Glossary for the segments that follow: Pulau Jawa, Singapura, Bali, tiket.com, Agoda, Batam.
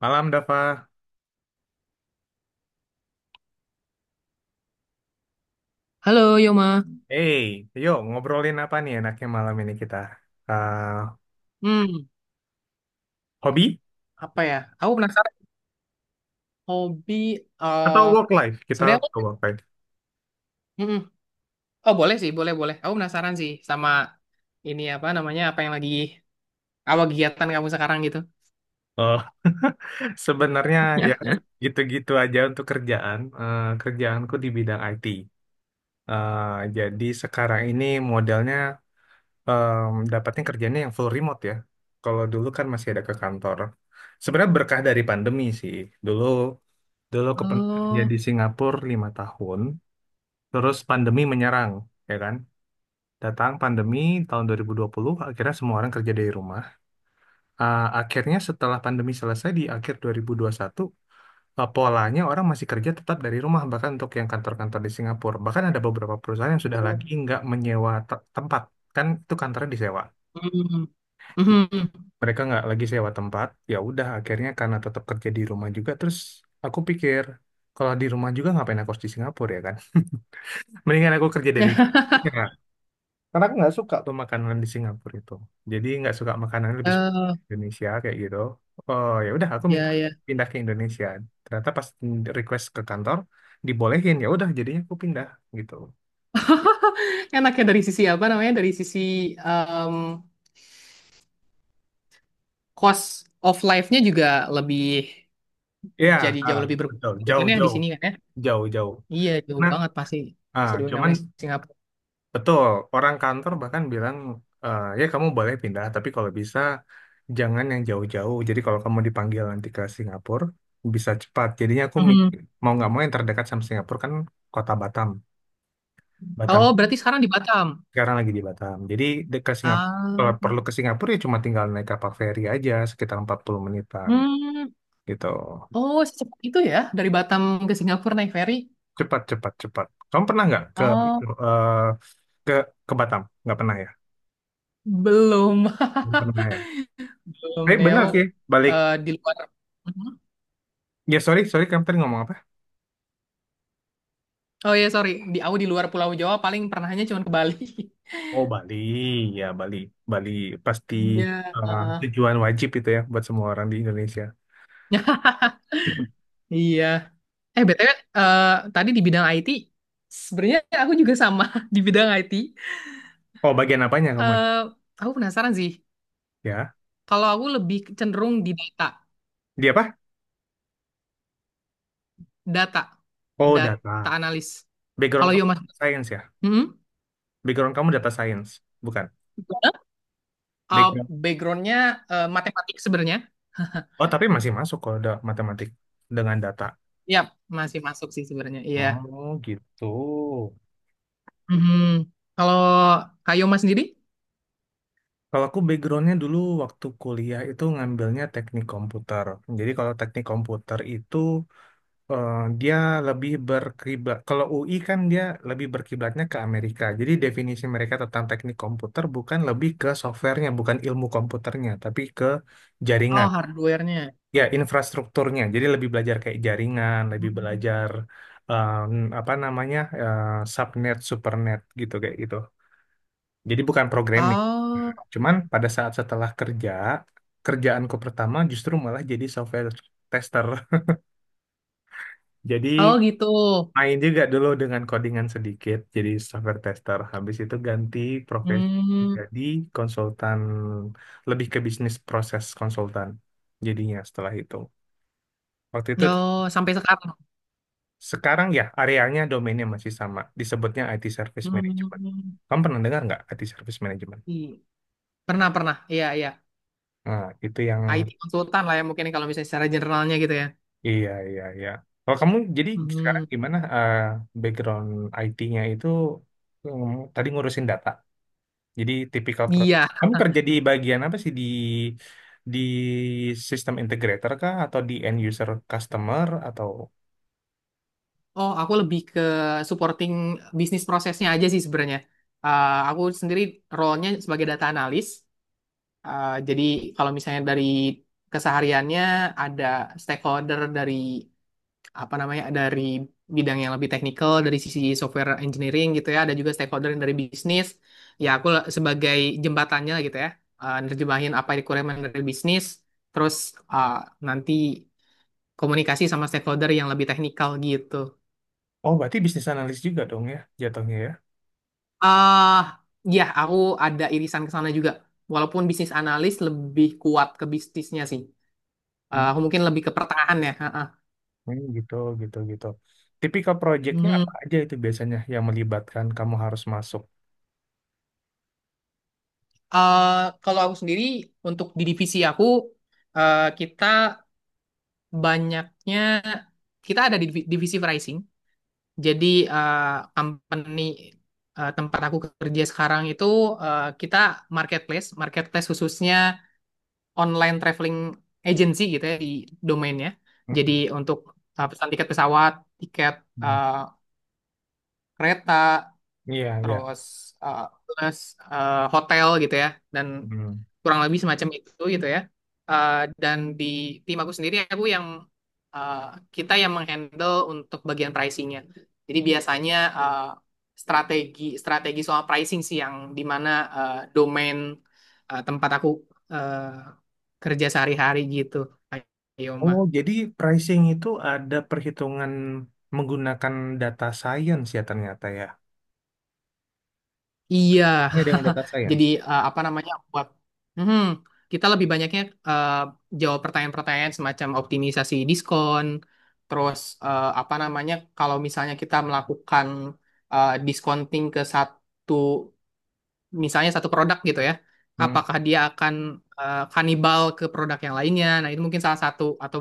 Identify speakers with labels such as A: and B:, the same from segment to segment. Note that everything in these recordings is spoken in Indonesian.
A: Malam, Dafa.
B: Halo Yoma.
A: Hey, yuk ngobrolin apa nih enaknya malam ini kita? Ah,
B: Hmm,
A: hobi
B: Apa ya? Aku penasaran hobi.
A: atau
B: eh
A: work life? Kita
B: Sebenarnya,
A: ke
B: aku-
A: work life.
B: Mm-mm. Oh boleh sih, boleh boleh. Aku penasaran sih sama ini apa namanya, apa yang lagi apa kegiatan kamu sekarang gitu?
A: Oh, sebenarnya ya gitu-gitu aja untuk kerjaan. Kerjaanku di bidang IT. Eh, jadi sekarang ini modelnya dapatnya kerjanya yang full remote ya. Kalau dulu kan masih ada ke kantor. Sebenarnya berkah dari pandemi sih. Dulu dulu kepen kerja
B: Oh,
A: di Singapura 5 tahun, terus pandemi menyerang, ya kan? Datang pandemi tahun 2020, akhirnya semua orang kerja dari rumah. Akhirnya setelah pandemi selesai di akhir 2021, polanya orang masih kerja tetap dari rumah, bahkan untuk yang kantor-kantor di Singapura. Bahkan ada beberapa perusahaan yang sudah
B: Oh.
A: lagi nggak menyewa tempat, kan itu kantornya disewa.
B: Mm. Mhm.
A: Mereka nggak lagi sewa tempat, ya udah akhirnya karena tetap kerja di rumah juga, terus aku pikir, kalau di rumah juga ngapain aku harus di Singapura ya kan? Mendingan aku kerja dari... Ya. Karena aku nggak suka tuh makanan di Singapura itu. Jadi nggak suka makanan lebih suka
B: eh,
A: Indonesia kayak gitu. Oh ya udah aku minta
B: ya ya.
A: pindah ke Indonesia. Ternyata pas request ke kantor dibolehin ya udah jadinya aku pindah gitu.
B: Enaknya dari sisi apa namanya? Dari sisi em, cost of life-nya juga lebih
A: Iya,
B: jadi
A: ah,
B: jauh lebih
A: betul.
B: berkurang gitu
A: Jauh
B: kan ya di
A: jauh
B: sini kan ya?
A: jauh jauh.
B: Iya jauh
A: Nah,
B: banget pasti
A: ah,
B: bisa dibilang
A: cuman
B: namanya Singapura.
A: Betul, orang kantor bahkan bilang, "Eh, ya kamu boleh pindah, tapi kalau bisa jangan yang jauh-jauh. Jadi kalau kamu dipanggil nanti ke Singapura, bisa cepat. Jadinya aku
B: Mhm.
A: mau nggak mau yang terdekat sama Singapura kan kota Batam.
B: Oh,
A: Batam
B: berarti sekarang di Batam.
A: Sekarang lagi di Batam. Jadi ke Singapura, kalau
B: Ah,
A: perlu ke Singapura ya cuma tinggal naik kapal feri aja sekitar 40 menitan
B: hmm.
A: gitu.
B: Oh, secepat itu ya dari Batam ke Singapura naik ferry?
A: Cepat, cepat, cepat. Kamu pernah nggak ke
B: Oh,
A: eh, ke ke Batam? Nggak pernah ya?
B: belum.
A: Nggak pernah ya.
B: Belum
A: Eh
B: nih
A: benar
B: aku
A: sih, balik.
B: di luar. Mhm.
A: Ya sorry, sorry kamu tadi ngomong apa?
B: Oh ya sorry. Di aku di luar Pulau Jawa paling pernahnya cuma ke Bali.
A: Oh Bali, ya Bali, Bali pasti
B: Iya, heeh.
A: tujuan wajib itu ya buat semua orang di Indonesia.
B: Iya. BTW, eh, tadi di bidang IT, sebenarnya aku juga sama di bidang IT.
A: Oh bagian apanya kamu?
B: Eh, aku penasaran sih.
A: Ya,
B: Kalau aku lebih cenderung di data.
A: dia apa?
B: Data,
A: Oh
B: data
A: data.
B: analis.
A: Background
B: Kalau yo
A: kamu
B: mas,
A: data science ya?
B: hmm?
A: Background kamu data science, bukan?
B: Gimana? Uh,
A: Background.
B: backgroundnya matematik sebenarnya.
A: Oh tapi masih masuk kalau ada matematik dengan data.
B: Ya, masih masuk sih sebenarnya. Iya.
A: Oh gitu.
B: Mhm. Kalau Kayo Mas sendiri?
A: Kalau aku backgroundnya dulu waktu kuliah itu ngambilnya teknik komputer. Jadi kalau teknik komputer itu eh, dia lebih berkiblat. Kalau UI kan dia lebih berkiblatnya ke Amerika. Jadi definisi mereka tentang teknik komputer bukan lebih ke softwarenya, bukan ilmu komputernya, tapi ke
B: Oh,
A: jaringan.
B: hardware-nya.
A: Ya, infrastrukturnya. Jadi lebih belajar kayak jaringan, lebih
B: Hmm.
A: belajar em, apa namanya subnet, supernet gitu kayak gitu. Jadi bukan programming.
B: Oh,
A: Cuman pada saat setelah kerja, kerjaanku pertama justru malah jadi software tester.
B: oh
A: Jadi
B: gitu.
A: main juga dulu dengan codingan sedikit jadi software tester habis itu ganti profesi
B: Hmm.
A: jadi konsultan lebih ke bisnis proses konsultan jadinya setelah itu waktu itu
B: Oh, sampai sekarang.
A: sekarang ya areanya domainnya masih sama disebutnya IT Service Management
B: Hmm.
A: kamu pernah dengar nggak IT Service Management
B: Iya. Pernah, pernah. Iya, iya.
A: nah itu yang
B: IT konsultan lah ya mungkin kalau misalnya secara generalnya gitu ya.
A: iya iya iya kalau kamu jadi sekarang
B: Hmm.
A: gimana background IT-nya itu tadi ngurusin data Jadi tipikal pro.
B: Iya.
A: Kamu kerja di bagian apa sih di sistem integrator kah atau di end user customer atau
B: Oh, aku lebih ke supporting bisnis prosesnya aja sih sebenarnya. Aku sendiri role-nya sebagai data analis. Jadi kalau misalnya dari kesehariannya ada stakeholder dari apa namanya dari bidang yang lebih teknikal dari sisi software engineering gitu ya. Ada juga stakeholder yang dari bisnis. Ya aku la- sebagai jembatannya lah gitu ya. Nerjemahin apa requirement dari bisnis. Terus eh, nanti komunikasi sama stakeholder yang lebih teknikal gitu.
A: oh berarti bisnis analis juga dong ya jatuhnya ya.
B: Ah, ya, aku ada irisan ke sana juga. Walaupun bisnis analis lebih kuat ke bisnisnya sih.
A: Hmm,
B: Aku mungkin lebih ke pertengahan ya. Ha, ha.
A: hmm, gitu gitu gitu. Tipikal projectnya apa
B: Mhm.
A: aja itu biasanya yang melibatkan kamu harus masuk.
B: Eh, kalau aku sendiri untuk di divisi aku kita banyaknya kita ada di divi- divisi pricing. Jadi eh, company tempat aku kerja sekarang itu kita marketplace, marketplace khususnya online traveling agency gitu ya di domainnya. Jadi
A: Hmm,
B: untuk pesan tiket pesawat, tiket
A: hmm.
B: uh, kereta,
A: Iya iya.
B: terus eh, plus hotel gitu ya dan
A: Hmm.
B: kurang lebih semacam itu gitu ya. Eh, dan di tim aku sendiri aku yang eh, kita yang menghandle untuk bagian pricingnya jadi biasanya eh, strategi strategi soal pricing sih yang dimana domain tempat aku eh, kerja sehari-hari gitu Pak Yoma.
A: Oh jadi pricing itu ada perhitungan menggunakan data science ya ternyata ya.
B: Iya,
A: Oh, ya, dengan data
B: jadi
A: science.
B: apa namanya buat Mhm. kita lebih banyaknya eh, jawab pertanyaan-pertanyaan semacam optimisasi diskon, terus apa namanya kalau misalnya kita melakukan discounting ke satu misalnya satu produk gitu ya,
A: Hmm.
B: apakah dia akan kanibal ke produk yang lainnya? Nah itu mungkin salah satu atau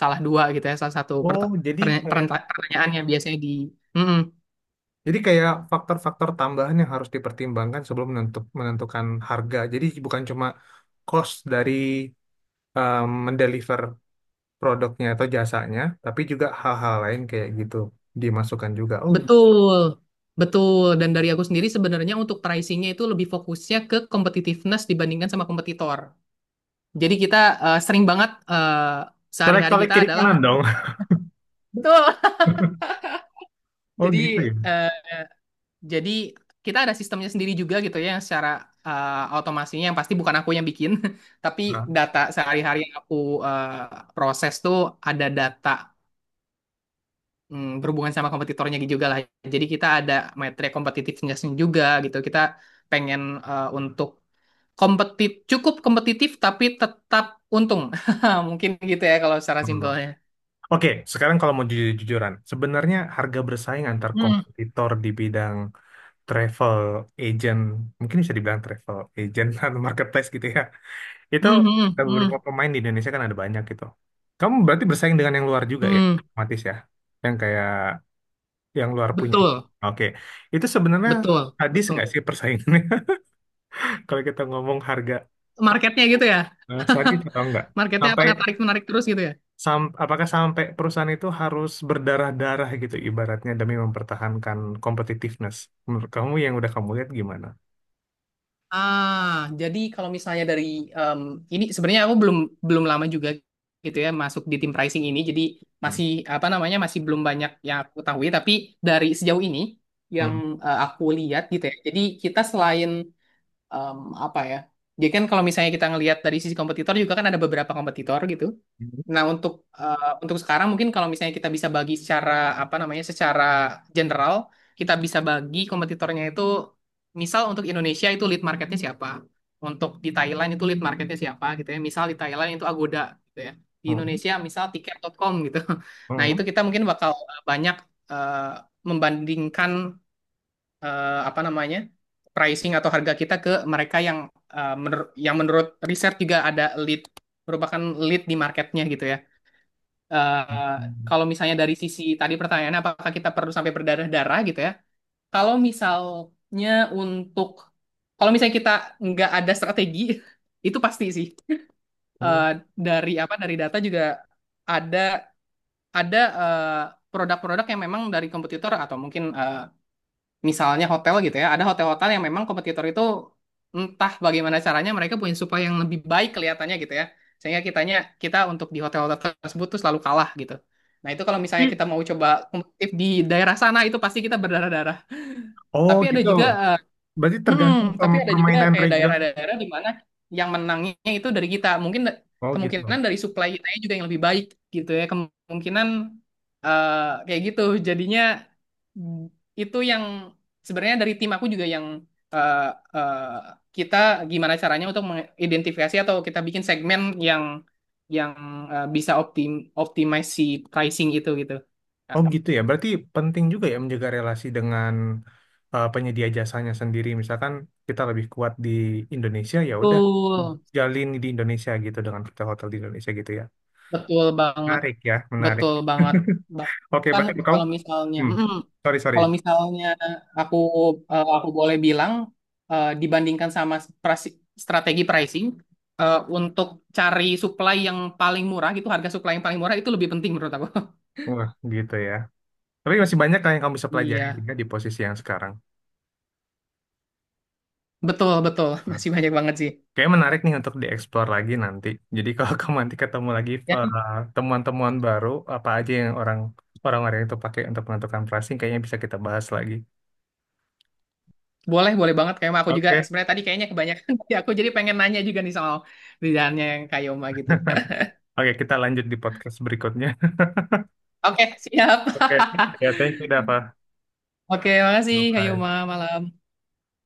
B: salah dua gitu ya, salah satu
A: Oh,
B: perta-
A: jadi
B: pernya-
A: kayak
B: perenta- pertanyaannya biasanya di Mhm.
A: Jadi kayak faktor-faktor tambahan yang harus dipertimbangkan sebelum menentukan harga. Jadi bukan cuma cost dari mendeliver produknya atau jasanya, tapi juga hal-hal lain kayak gitu dimasukkan juga. Oh,
B: Betul, betul. Dan dari aku sendiri sebenarnya untuk pricingnya itu lebih fokusnya ke competitiveness dibandingkan sama kompetitor. Jadi kita sering banget sehari-hari
A: colek-colek
B: kita
A: kiri
B: adalah
A: kanan dong.
B: betul.
A: Oh
B: Jadi
A: gitu ya.
B: eh, jadi kita ada sistemnya sendiri juga gitu ya yang secara otomasinya yang pasti bukan aku yang bikin, tapi
A: Nah,
B: data sehari-hari yang aku proses tuh ada data berhubungan sama kompetitornya juga lah. Jadi kita ada metrik competitiveness juga gitu. Kita pengen untuk Kompetit cukup kompetitif tapi tetap untung. Mungkin gitu ya kalau secara
A: oh.
B: simpelnya.
A: Oke, sekarang kalau mau jujur-jujuran, sebenarnya harga bersaing antar
B: Hmm,
A: kompetitor di bidang travel agent, mungkin bisa dibilang travel agent atau marketplace gitu ya. Itu
B: hmm, hmm,
A: ada
B: hmm,
A: beberapa pemain di Indonesia kan ada banyak gitu. Kamu berarti bersaing dengan yang luar juga ya,
B: hmm.
A: otomatis ya. Yang kayak yang luar punya.
B: Betul,
A: Oke. Itu sebenarnya
B: betul,
A: hadis nggak
B: betul.
A: sih persaingannya? Kalau kita ngomong harga,
B: Marketnya gitu ya.
A: sadis atau enggak?
B: Marketnya
A: Sampai
B: apakah tarik menarik terus gitu ya?
A: apakah sampai perusahaan itu harus berdarah-darah gitu ibaratnya demi mempertahankan competitiveness? Menurut kamu yang udah kamu lihat gimana?
B: Ah, jadi kalau misalnya dari em, ini sebenarnya aku belum belum lama juga gitu ya masuk di tim pricing ini. Jadi
A: Hmm.
B: masih apa namanya masih belum banyak yang aku ketahui. Tapi dari sejauh ini yang
A: Hmm.
B: aku lihat gitu ya. Jadi kita selain em, apa ya? Jadi kan kalau misalnya kita ngelihat dari sisi kompetitor juga kan ada beberapa kompetitor gitu. Nah, untuk untuk sekarang mungkin kalau misalnya kita bisa bagi secara apa namanya? Secara general, kita bisa bagi kompetitornya itu misal untuk Indonesia itu lead marketnya siapa? Untuk di Thailand itu lead marketnya siapa gitu ya. Misal di Thailand itu Agoda gitu ya. Di
A: Hmm.
B: Indonesia misal tiket. Tiket dot com gitu. Nah, itu
A: Hmm.
B: kita mungkin bakal banyak eh, membandingkan apa namanya pricing atau harga kita ke mereka yang menur- yang menurut riset juga ada lead merupakan lead di marketnya gitu ya. Eh,
A: Hmm.
B: kalau misalnya dari sisi tadi pertanyaannya apakah kita perlu sampai berdarah-darah gitu ya? Kalau misalnya untuk kalau misalnya kita nggak ada strategi itu pasti sih.
A: Hmm.
B: Eh, dari apa dari data juga ada ada produk-produk yang memang dari kompetitor atau mungkin misalnya hotel gitu ya, ada hotel-hotel yang memang kompetitor itu entah bagaimana caranya mereka punya supply yang lebih baik kelihatannya gitu ya. Sehingga kitanya kita untuk di hotel-hotel tersebut tuh selalu kalah gitu. Nah, itu kalau misalnya
A: Tapi,
B: kita mau coba kompetitif di daerah sana itu pasti kita berdarah-darah.
A: oh
B: Tapi ada
A: gitu.
B: juga
A: Berarti
B: hmm,
A: tergantung
B: tapi ada juga
A: permainan
B: kayak
A: reguler.
B: daerah-daerah di mana yang menangnya itu dari kita. Mungkin da-
A: Oh gitu.
B: kemungkinan dari supply kita juga yang lebih baik gitu ya. Kemungkinan eh, kayak gitu. Jadinya Hmm. Itu yang sebenarnya dari tim aku juga yang eh, eh, kita gimana caranya untuk mengidentifikasi atau kita bikin segmen yang yang bisa optim optimize si pricing itu gitu. Nah,
A: Oh gitu ya. Berarti penting juga ya menjaga relasi dengan penyedia jasanya sendiri. Misalkan kita lebih kuat di Indonesia, ya udah
B: Betul.
A: jalin di Indonesia gitu dengan hotel-hotel di Indonesia gitu ya.
B: Betul banget.
A: Menarik ya, menarik.
B: Betul banget.
A: Oke,
B: Bahkan
A: berarti kamu,
B: kalau misalnya,
A: hmm,
B: mm
A: sorry sorry.
B: kalau misalnya aku aku boleh bilang dibandingkan sama prasi- strategi pricing untuk cari supply yang paling murah gitu, harga supply yang paling murah itu lebih penting menurut aku.
A: Wah, gitu ya. Tapi masih banyak kan yang kamu bisa pelajari
B: Iya,
A: ya, di posisi yang sekarang.
B: betul betul. Masih banyak banget sih.
A: Kayaknya menarik nih untuk dieksplor lagi nanti. Jadi kalau kamu nanti ketemu lagi
B: Ya, nih,
A: temuan-temuan baru apa aja yang orang-orang itu pakai untuk menentukan pricing, kayaknya bisa kita bahas lagi.
B: boleh boleh banget kayak aku juga
A: Oke,
B: sebenarnya tadi kayaknya kebanyakan dari aku jadi pengen nanya juga nih soal kerjaannya yang Kayoma gitu.
A: oke, kita lanjut di podcast berikutnya.
B: Oke, siap.
A: Oke, ya, thank you, Dava.
B: Oke, makasih
A: Bye.
B: Kayoma malam.